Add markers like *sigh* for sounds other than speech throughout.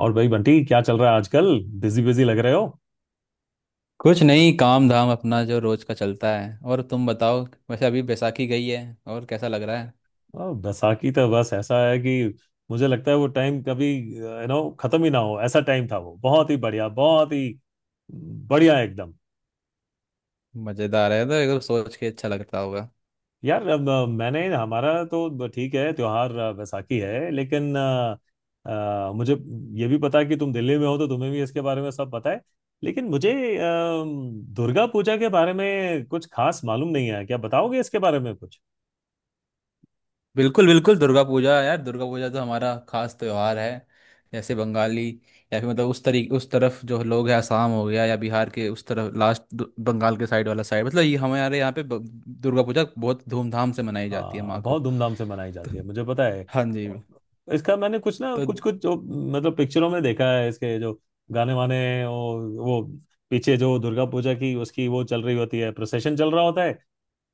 और भाई बंटी, क्या चल रहा है आजकल? बिजी बिजी लग रहे हो। कुछ नहीं, काम धाम अपना जो रोज का चलता है। और तुम बताओ, वैसे अभी बैसाखी गई है और कैसा लग रहा है? बैसाखी तो बस ऐसा है कि मुझे लगता है वो टाइम कभी खत्म ही ना हो, ऐसा टाइम था वो। बहुत ही बढ़िया, बहुत ही बढ़िया, एकदम। मजेदार है तो एकदम सोच के अच्छा लगता होगा। यार अब, मैंने, हमारा तो ठीक है त्योहार, बैसाखी है, लेकिन मुझे ये भी पता है कि तुम दिल्ली में हो तो तुम्हें भी इसके बारे में सब पता है। लेकिन मुझे अ, दुर्गा पूजा के बारे में कुछ खास मालूम नहीं है। क्या बताओगे इसके बारे में कुछ? बिल्कुल बिल्कुल, दुर्गा पूजा यार, दुर्गा पूजा तो हमारा खास त्योहार है। जैसे बंगाली या फिर मतलब उस तरीके उस तरफ जो लोग हैं, असम हो गया या बिहार के उस तरफ लास्ट बंगाल के साइड वाला साइड, मतलब ये हमारे यहाँ पे दुर्गा पूजा बहुत धूमधाम से मनाई जाती है हाँ, माँ को। बहुत धूमधाम से मनाई तो, जाती है, मुझे पता है। हाँ जी। इसका मैंने कुछ ना तो कुछ कुछ जो मतलब पिक्चरों में देखा है, इसके जो गाने वाने, वो वो पीछे जो दुर्गा पूजा की उसकी वो चल रही होती है, प्रोसेशन चल रहा होता है।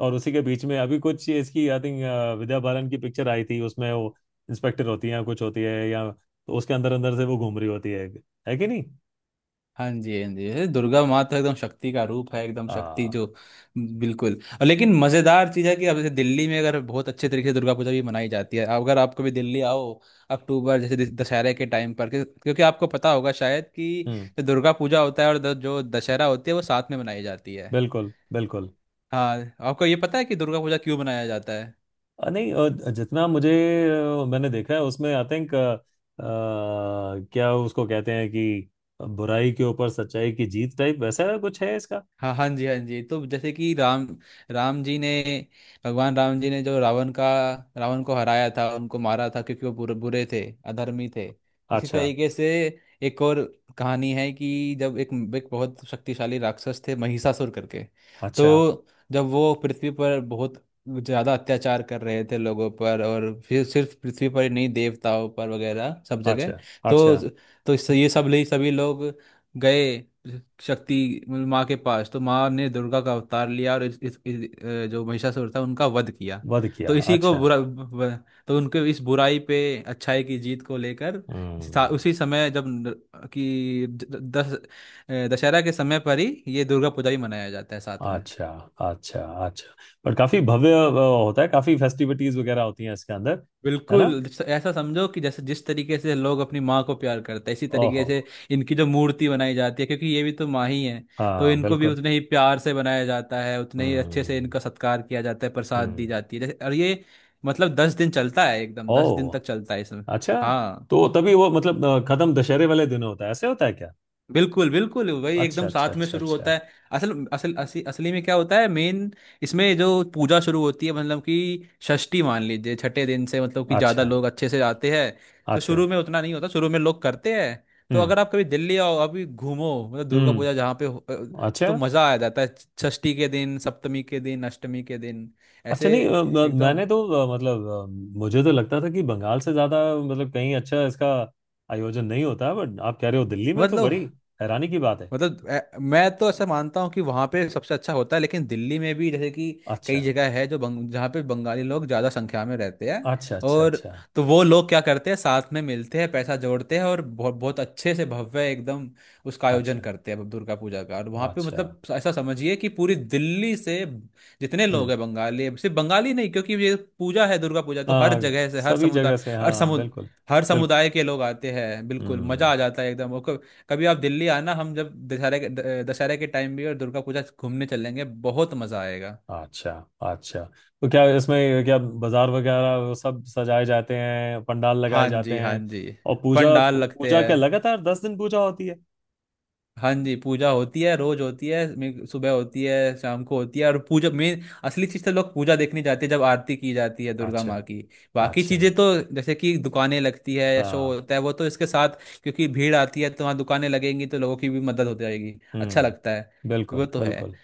और उसी के बीच में अभी कुछ इसकी, आई थिंक, विद्या बालन की पिक्चर आई थी, उसमें वो इंस्पेक्टर होती है या कुछ होती है, या तो उसके अंदर अंदर से वो घूम रही होती है। है कि नहीं? हाँ जी हाँ जी, ये दुर्गा माँ तो एकदम शक्ति का रूप है, एकदम शक्ति जो, हाँ। बिल्कुल। और लेकिन मज़ेदार चीज़ है कि अब जैसे दिल्ली में अगर बहुत अच्छे तरीके से दुर्गा पूजा भी मनाई जाती है। अगर आप कभी दिल्ली आओ अक्टूबर जैसे दशहरे के टाइम पर, क्योंकि आपको पता होगा शायद कि हम्म। जो दुर्गा पूजा होता है और जो दशहरा होती है वो साथ में मनाई जाती है। बिल्कुल, बिल्कुल। हाँ, आपको ये पता है कि दुर्गा पूजा क्यों मनाया जाता है? नहीं, जितना मुझे, मैंने देखा है उसमें, आई थिंक, क्या उसको कहते हैं कि बुराई के ऊपर सच्चाई की जीत टाइप वैसा कुछ है इसका। हाँ हाँ जी हाँ जी, तो जैसे कि राम, राम जी ने, भगवान राम जी ने जो रावण को हराया था, उनको मारा था क्योंकि वो बुरे बुरे थे, अधर्मी थे। इसी अच्छा, तरीके से एक और कहानी है कि जब एक एक बहुत शक्तिशाली राक्षस थे महिषासुर करके। अच्छा, तो जब वो पृथ्वी पर बहुत ज़्यादा अत्याचार कर रहे थे लोगों पर, और फिर सिर्फ पृथ्वी पर ही नहीं देवताओं पर वगैरह सब अच्छा, जगह। तो अच्छा। तो इससे ये सब ले सभी लोग गए शक्ति माँ के पास, तो माँ ने दुर्गा का अवतार लिया और जो महिषासुर था उनका वध किया। वध किया। तो इसी को अच्छा। तो उनके इस बुराई पे अच्छाई की जीत को लेकर हम्म। उसी समय जब न- कि द- दस अ, दशहरा के समय पर ही ये दुर्गा पूजा भी मनाया जाता है साथ में। अच्छा, अच्छा, अच्छा। पर काफी भव्य होता है, काफी फेस्टिविटीज वगैरह होती हैं इसके अंदर। है ना? बिल्कुल, ऐसा समझो कि जैसे जिस तरीके से लोग अपनी माँ को प्यार करते हैं, इसी तरीके ओहो। से इनकी जो मूर्ति बनाई जाती है, क्योंकि ये भी तो माँ ही है। तो हाँ, इनको भी बिल्कुल। उतने ही प्यार से बनाया जाता है, उतने ही अच्छे से हम्म। इनका सत्कार किया जाता है, प्रसाद दी हम्म। जाती है जैसे। और ये मतलब 10 दिन चलता है, एकदम ओ। 10 दिन तक चलता है इसमें। अच्छा, हाँ, तो तभी वो मतलब खत्म दशहरे वाले दिन होता है, ऐसे होता है क्या? बिल्कुल बिल्कुल, वही अच्छा, एकदम अच्छा, साथ में अच्छा, शुरू होता अच्छा, है। असल असल असली असली में क्या होता है मेन, इसमें जो पूजा शुरू होती है मतलब कि षष्ठी, मान लीजिए छठे दिन से, मतलब कि ज़्यादा अच्छा, लोग अच्छे से आते हैं। तो अच्छा। शुरू में उतना नहीं होता, शुरू में लोग करते हैं। तो हम्म। अगर आप कभी दिल्ली आओ अभी, घूमो मतलब दुर्गा पूजा जहाँ हम्म। पे तो अच्छा। मज़ा आ जाता है। षष्ठी के दिन, सप्तमी के दिन, अष्टमी के दिन, अच्छा, ऐसे नहीं एकदम। मैंने तो, मतलब, मुझे तो लगता था कि बंगाल से ज्यादा मतलब कहीं अच्छा इसका आयोजन नहीं होता, बट आप कह रहे हो दिल्ली में, तो मतलब बड़ी हैरानी की बात है। मैं तो ऐसा मानता हूँ कि वहाँ पे सबसे अच्छा होता है, लेकिन दिल्ली में भी जैसे कि कई अच्छा, जगह है जो जहाँ पे बंगाली लोग ज़्यादा संख्या में रहते हैं। अच्छा, अच्छा, और अच्छा, तो वो लोग क्या करते हैं, साथ में मिलते हैं, पैसा जोड़ते हैं और बहुत बहुत अच्छे से, भव्य एकदम उसका आयोजन अच्छा, करते हैं दुर्गा पूजा का। और वहाँ पे अच्छा। मतलब ऐसा समझिए कि पूरी दिल्ली से जितने लोग हम्म। हैं बंगाली, सिर्फ बंगाली नहीं क्योंकि ये पूजा है दुर्गा पूजा, तो हर हाँ, जगह से, हर सभी समुदाय, जगह से। हर हाँ, समुद बिल्कुल, हर बिल्कुल। समुदाय के लोग आते हैं, बिल्कुल हम्म। मजा आ जाता है एकदम। कभी आप दिल्ली आना, हम जब दशहरे के दशहरे के टाइम भी और दुर्गा पूजा घूमने चलेंगे, बहुत मज़ा आएगा। अच्छा। अच्छा। तो क्या इसमें, क्या बाजार वगैरह वो सब सजाए जाते हैं, पंडाल लगाए हाँ जाते जी हाँ हैं? जी, और पूजा पंडाल लगते पूजा क्या हैं। लगातार 10 दिन पूजा होती है? हाँ जी, पूजा होती है रोज होती है, सुबह होती है, शाम को होती है, और पूजा मेन असली चीज़ तो लोग पूजा देखने जाते हैं जब आरती की जाती है दुर्गा अच्छा, माँ की। बाकी अच्छा। चीज़ें तो जैसे कि दुकानें लगती है या शो हाँ। होता है, वो तो इसके साथ, क्योंकि भीड़ आती है तो वहाँ दुकानें लगेंगी, तो लोगों की भी मदद हो जाएगी, अच्छा लगता है। हम्म, बिल्कुल, वो तो है। बिल्कुल,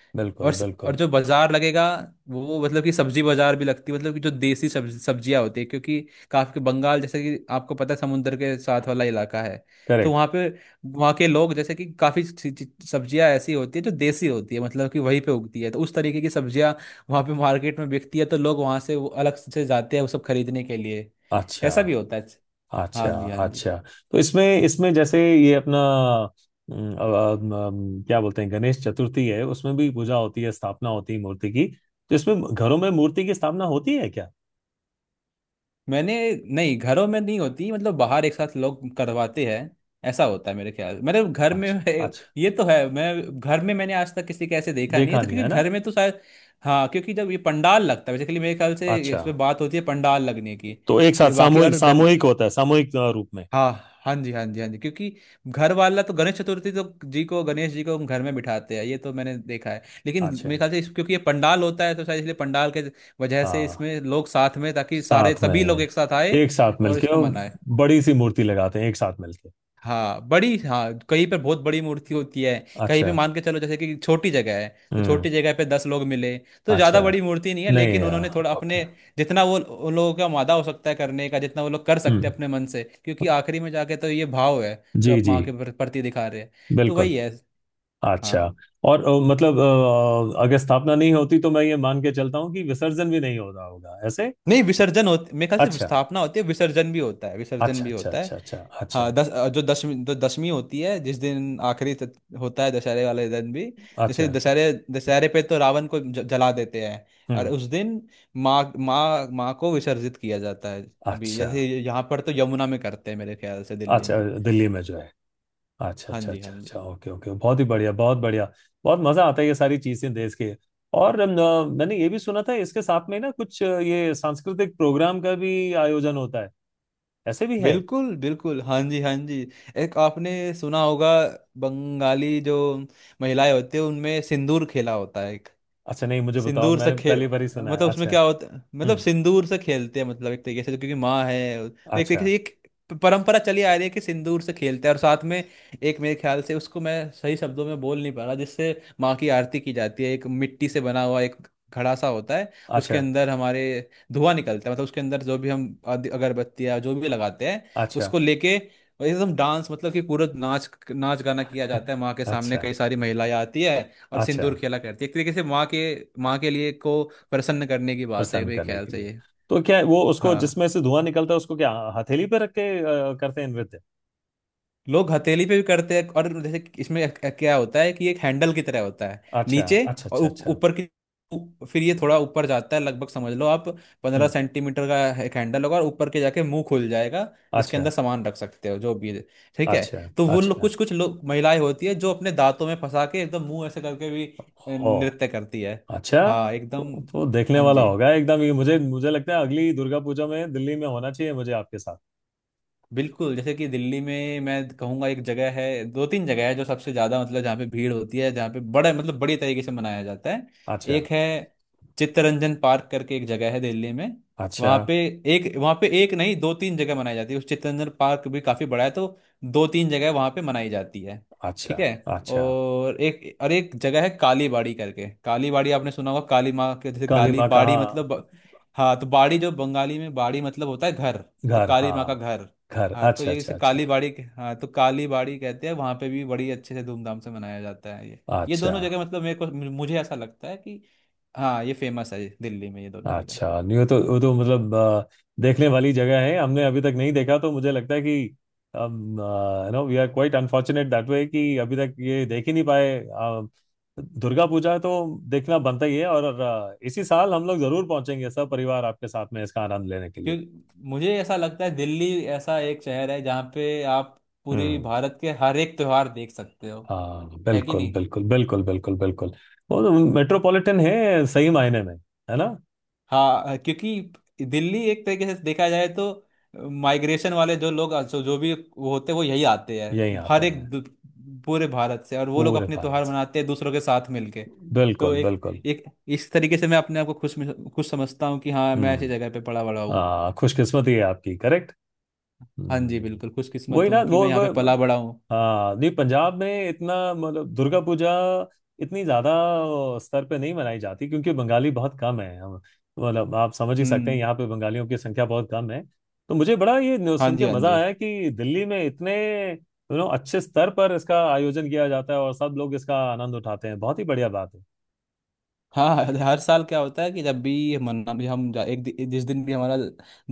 और बिल्कुल, और बिल्कुल। जो बाजार लगेगा वो मतलब कि सब्जी बाजार भी लगती है, मतलब कि जो देसी सब्जियां होती है, क्योंकि काफी बंगाल जैसे कि आपको पता है, समुंदर के साथ वाला इलाका है। तो करेक्ट। वहाँ पे, वहाँ के लोग जैसे कि काफी सी- सी- सब्जियां ऐसी होती है जो देसी होती है, मतलब कि वहीं पे उगती है, तो उस तरीके की सब्जियां वहाँ पे मार्केट में बिकती है, तो लोग वहाँ से वो अलग से जाते हैं वो सब खरीदने के लिए। अच्छा, ऐसा भी होता है। हाँ अच्छा, जी हाँ जी। अच्छा। तो इसमें इसमें जैसे ये अपना, क्या बोलते हैं, गणेश चतुर्थी है, उसमें भी पूजा होती है, स्थापना होती है मूर्ति की। तो इसमें घरों में मूर्ति की स्थापना होती है क्या? मैंने, नहीं, घरों में नहीं होती, मतलब बाहर एक साथ लोग करवाते हैं, ऐसा होता है मेरे ख्याल, मेरे घर में अच्छा, है, अच्छा। ये तो है। मैं घर में, मैंने आज तक किसी के ऐसे देखा नहीं है देखा तो, नहीं है क्योंकि ना? घर में तो शायद, हाँ, क्योंकि जब ये पंडाल लगता है बेसिकली मेरे ख्याल से, अच्छा। इसमें बात होती है पंडाल लगने की। तो एक साथ ये बाकी सामूहिक और सामूहिक होता है, सामूहिक रूप में। हाँ हाँ जी हाँ जी हाँ जी, क्योंकि घर वाला तो गणेश चतुर्थी तो जी को, गणेश जी को हम घर में बिठाते हैं, ये तो मैंने देखा है, लेकिन अच्छा। मेरे ख्याल से इस, क्योंकि ये पंडाल होता है तो शायद इसलिए पंडाल के वजह से हाँ, इसमें लोग साथ में, ताकि सारे साथ में सभी लोग है। एक साथ आए एक साथ और मिलके, इसको और मनाए। बड़ी सी मूर्ति लगाते हैं एक साथ मिलके। हाँ बड़ी, हाँ, कहीं पर बहुत बड़ी मूर्ति होती है, कहीं अच्छा। पे मान के चलो जैसे कि छोटी जगह है तो हम्म। छोटी जगह पे 10 लोग मिले, तो अच्छा। ज़्यादा बड़ी मूर्ति नहीं है, नहीं लेकिन उन्होंने थोड़ा ओके। अपने, जितना वो उन लोगों का मादा हो सकता है करने का, जितना वो लोग कर सकते हम्म, हैं अपने मन से, क्योंकि आखिरी में जाके तो ये भाव है जो जी आप जी, माँ के प्रति दिखा रहे हैं, तो बिल्कुल। वही है। अच्छा। हाँ, और मतलब, अगर स्थापना नहीं होती तो मैं ये मान के चलता हूँ कि विसर्जन भी नहीं होता होगा ऐसे। नहीं विसर्जन होते, मेरे ख्याल से अच्छा, स्थापना होती है, विसर्जन भी होता है, विसर्जन अच्छा, भी अच्छा, होता अच्छा, है। अच्छा, अच्छा, हाँ, जो दशमी, जो दशमी होती है जिस दिन आखिरी होता है दशहरे वाले दिन भी, जैसे अच्छा। दशहरे, दशहरे पे तो रावण को जला देते हैं, और हम्म। उस दिन माँ माँ माँ को विसर्जित किया जाता है। अभी अच्छा, जैसे यहाँ पर तो यमुना में करते हैं मेरे ख्याल से दिल्ली अच्छा। में। दिल्ली में जो है। अच्छा, हाँ अच्छा, जी अच्छा, हाँ अच्छा, जी, ओके, ओके, बहुत ही बढ़िया, बहुत बढ़िया। बहुत मजा आता है ये सारी चीजें देश के। और मैंने ये भी सुना था इसके साथ में ना कुछ, ये सांस्कृतिक प्रोग्राम का भी आयोजन होता है, ऐसे भी है? बिल्कुल बिल्कुल। हाँ जी हाँ जी, एक आपने सुना होगा, बंगाली जो महिलाएं होती है उनमें सिंदूर खेला होता है। अच्छा, नहीं मुझे बताओ, सिंदूर से मैंने खेल, पहली बार ही सुना है। मतलब उसमें अच्छा। क्या होता, मतलब हम्म। सिंदूर से खेलते हैं, मतलब एक तरीके से, क्योंकि माँ है तो एक तरीके अच्छा, से एक परंपरा चली आ रही है कि सिंदूर से खेलते हैं। और साथ में एक, मेरे ख्याल से उसको मैं सही शब्दों में बोल नहीं पा रहा, जिससे माँ की आरती की जाती है, एक मिट्टी से बना हुआ एक घड़ा सा होता है। उसके अच्छा, अंदर हमारे धुआं निकलता है, मतलब उसके अंदर जो भी हम अगरबत्तियाँ जो भी लगाते हैं, अच्छा। उसको लेके एकदम डांस, मतलब कि पूरा नाच नाच गाना किया जाता *laughs* है माँ के सामने, अच्छा, कई सारी महिलाएं आती है और अच्छा। सिंदूर खेला करती है, एक तरीके से माँ के, माँ के लिए को प्रसन्न करने की बात है प्रसन्न मेरे करने ख्याल के से लिए। ये। तो क्या है, वो उसको हाँ, जिसमें से धुआं निकलता है, उसको क्या हथेली पे रख के करते हैं नृत्य? लोग हथेली पे भी करते हैं, और जैसे कि इसमें एक क्या होता है कि एक हैंडल की तरह होता है अच्छा, नीचे, अच्छा, और अच्छा, अच्छा। ऊपर की फिर ये थोड़ा ऊपर जाता है, लगभग समझ लो आप पंद्रह हम्म। सेंटीमीटर का एक हैंडल होगा, और ऊपर के जाके मुंह खुल जाएगा, जिसके अच्छा, अंदर सामान रख सकते हो जो भी है। ठीक है, अच्छा, तो वो लोग अच्छा। कुछ, कुछ लोग, महिलाएं होती है जो अपने दांतों में फंसा के एकदम मुंह ऐसे करके भी ओ, नृत्य करती है। अच्छा। हाँ एकदम, तो देखने हाँ वाला जी, होगा एकदम ये। मुझे मुझे लगता है अगली दुर्गा पूजा में दिल्ली में होना चाहिए मुझे आपके साथ। बिल्कुल, जैसे कि दिल्ली में मैं कहूँगा एक जगह है, दो तीन जगह है जो सबसे ज़्यादा, मतलब जहाँ पे भीड़ होती है, जहाँ पे बड़ा, मतलब बड़ी तरीके से मनाया जाता है। अच्छा, एक है चित्तरंजन पार्क करके एक जगह है दिल्ली में, अच्छा, वहाँ पे एक, वहाँ पे एक नहीं दो तीन जगह मनाई जाती है, उस चित्तरंजन पार्क भी काफ़ी बड़ा है तो दो तीन जगह वहाँ पे मनाई जाती है। अच्छा, ठीक है, अच्छा। और एक, और एक जगह है काली बाड़ी करके, काली बाड़ी आपने सुना होगा, काली माँ के जैसे काली काली माँ बाड़ी कहाँ? मतलब, हाँ तो बाड़ी जो बंगाली में बाड़ी मतलब होता है घर, तो घर? काली माँ का हाँ, घर। घर। हाँ तो अच्छा, ये अच्छा, जैसे काली अच्छा, बाड़ी, हाँ तो काली बाड़ी कहते हैं, वहाँ पे भी बड़ी अच्छे से धूमधाम से मनाया जाता है ये अच्छा, दोनों जगह मतलब मेरे को, मुझे ऐसा लगता है कि हाँ, ये फेमस है दिल्ली में ये दोनों जगह। अच्छा। नहीं, वो तो मतलब देखने वाली जगह है, हमने अभी तक नहीं देखा। तो मुझे लगता है कि हम, we are quite unfortunate that way कि अभी तक ये देख ही नहीं पाए। दुर्गा पूजा तो देखना बनता ही है, और इसी साल हम लोग जरूर पहुंचेंगे सब परिवार आपके साथ में इसका आनंद लेने के लिए। क्यों, मुझे ऐसा लगता है दिल्ली ऐसा एक शहर है जहाँ पे आप पूरी हम्म। भारत के हर एक त्योहार देख सकते हो, हाँ, है कि बिल्कुल, नहीं? बिल्कुल, बिल्कुल, बिल्कुल, बिल्कुल। वो तो मेट्रोपॉलिटन है सही मायने में। है ना? हाँ, क्योंकि दिल्ली एक तरीके से देखा जाए तो माइग्रेशन वाले जो लोग, जो जो भी वो होते हैं, वो यही आते यहीं हैं आते हर हैं एक पूरे भारत से, और वो लोग पूरे अपने भारत त्योहार से। मनाते हैं दूसरों के साथ मिलके। तो बिल्कुल, एक, बिल्कुल। एक इस तरीके से मैं अपने आप को खुश खुश समझता हूँ कि हाँ मैं ऐसी हम्म। जगह पे पला बड़ा हूँ। हाँ, खुशकिस्मती है आपकी। करेक्ट। हाँ जी, हम्म। बिल्कुल वही खुशकिस्मत ना। हूँ कि मैं यहाँ पे पला बड़ा हूँ। हाँ, नहीं पंजाब में इतना मतलब दुर्गा पूजा इतनी ज्यादा स्तर पे नहीं मनाई जाती, क्योंकि बंगाली बहुत कम है। हम, मतलब आप समझ ही सकते हैं, हम्म। यहाँ पे बंगालियों की संख्या बहुत कम है। तो मुझे बड़ा ये न्यूज़ हाँ सुन के जी हाँ मजा जी। आया कि दिल्ली में इतने अच्छे स्तर पर इसका आयोजन किया जाता है, और सब लोग इसका आनंद उठाते हैं। बहुत ही बढ़िया बात है। हाँ, हर साल क्या होता है कि जब भी मन, अभी हम जा, एक दि- जिस दिन भी हमारा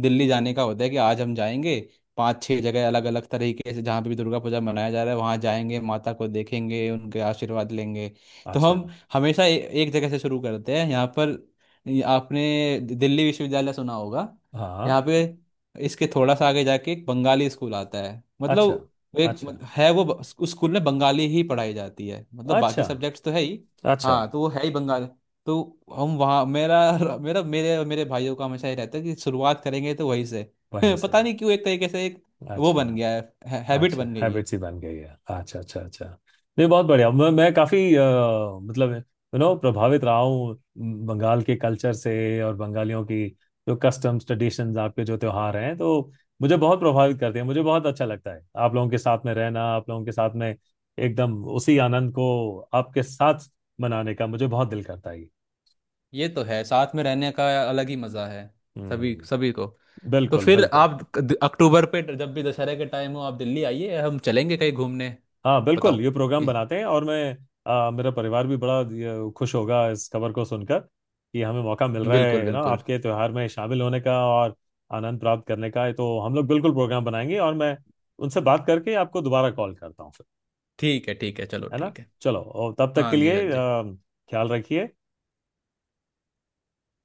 दिल्ली जाने का होता है कि आज हम जाएंगे, पांच छह जगह अलग अलग तरीके से जहाँ पे भी दुर्गा पूजा मनाया जा रहा है वहाँ जाएंगे, माता को देखेंगे, उनके आशीर्वाद लेंगे। तो अच्छा। हम हमेशा एक जगह से शुरू करते हैं यहाँ पर। ये आपने दिल्ली विश्वविद्यालय सुना होगा, हाँ। यहाँ पे इसके थोड़ा सा आगे जाके एक बंगाली स्कूल आता है अच्छा, मतलब एक अच्छा, है वो, उस स्कूल में बंगाली ही पढ़ाई जाती है, मतलब बाकी अच्छा, सब्जेक्ट्स तो है ही। अच्छा। हाँ तो वो है ही बंगाल, तो हम वहाँ, मेरा मेरा मेरे और मेरे भाइयों का हमेशा ये रहता है कि शुरुआत करेंगे तो वहीं से *laughs* वहीं से। पता नहीं क्यों, एक तरीके से एक वो अच्छा, बन गया है, हैबिट अच्छा। बन गई है। हैबिट्स ही बन गई है। अच्छा, अच्छा, अच्छा। नहीं बहुत बढ़िया। मैं काफी मतलब प्रभावित रहा हूँ बंगाल के कल्चर से, और बंगालियों की जो कस्टम्स, ट्रेडिशंस, आपके जो त्योहार हैं, तो मुझे बहुत प्रभावित करते हैं। मुझे बहुत अच्छा लगता है आप लोगों के साथ में रहना, आप लोगों के साथ में एकदम उसी आनंद को आपके साथ मनाने का मुझे बहुत दिल करता है। ये तो है, साथ में रहने का अलग ही मज़ा है सभी हम्म, सभी को। तो बिल्कुल, फिर बिल्कुल। आप अक्टूबर पे जब भी दशहरे के टाइम हो आप दिल्ली आइए, हम चलेंगे कहीं घूमने। हाँ, बिल्कुल बताओ। ये प्रोग्राम ये- बनाते हैं, और मैं, मेरा परिवार भी बड़ा खुश होगा इस खबर को सुनकर कि हमें मौका मिल रहा बिल्कुल है ना बिल्कुल, आपके त्योहार में शामिल होने का और आनंद प्राप्त करने का। है तो हम लोग बिल्कुल प्रोग्राम बनाएंगे, और मैं उनसे बात करके आपको दोबारा कॉल करता हूँ फिर। ठीक है ठीक है, चलो है ना? ठीक है। चलो, और तब तक हाँ के जी हाँ लिए जी। ख्याल रखिए।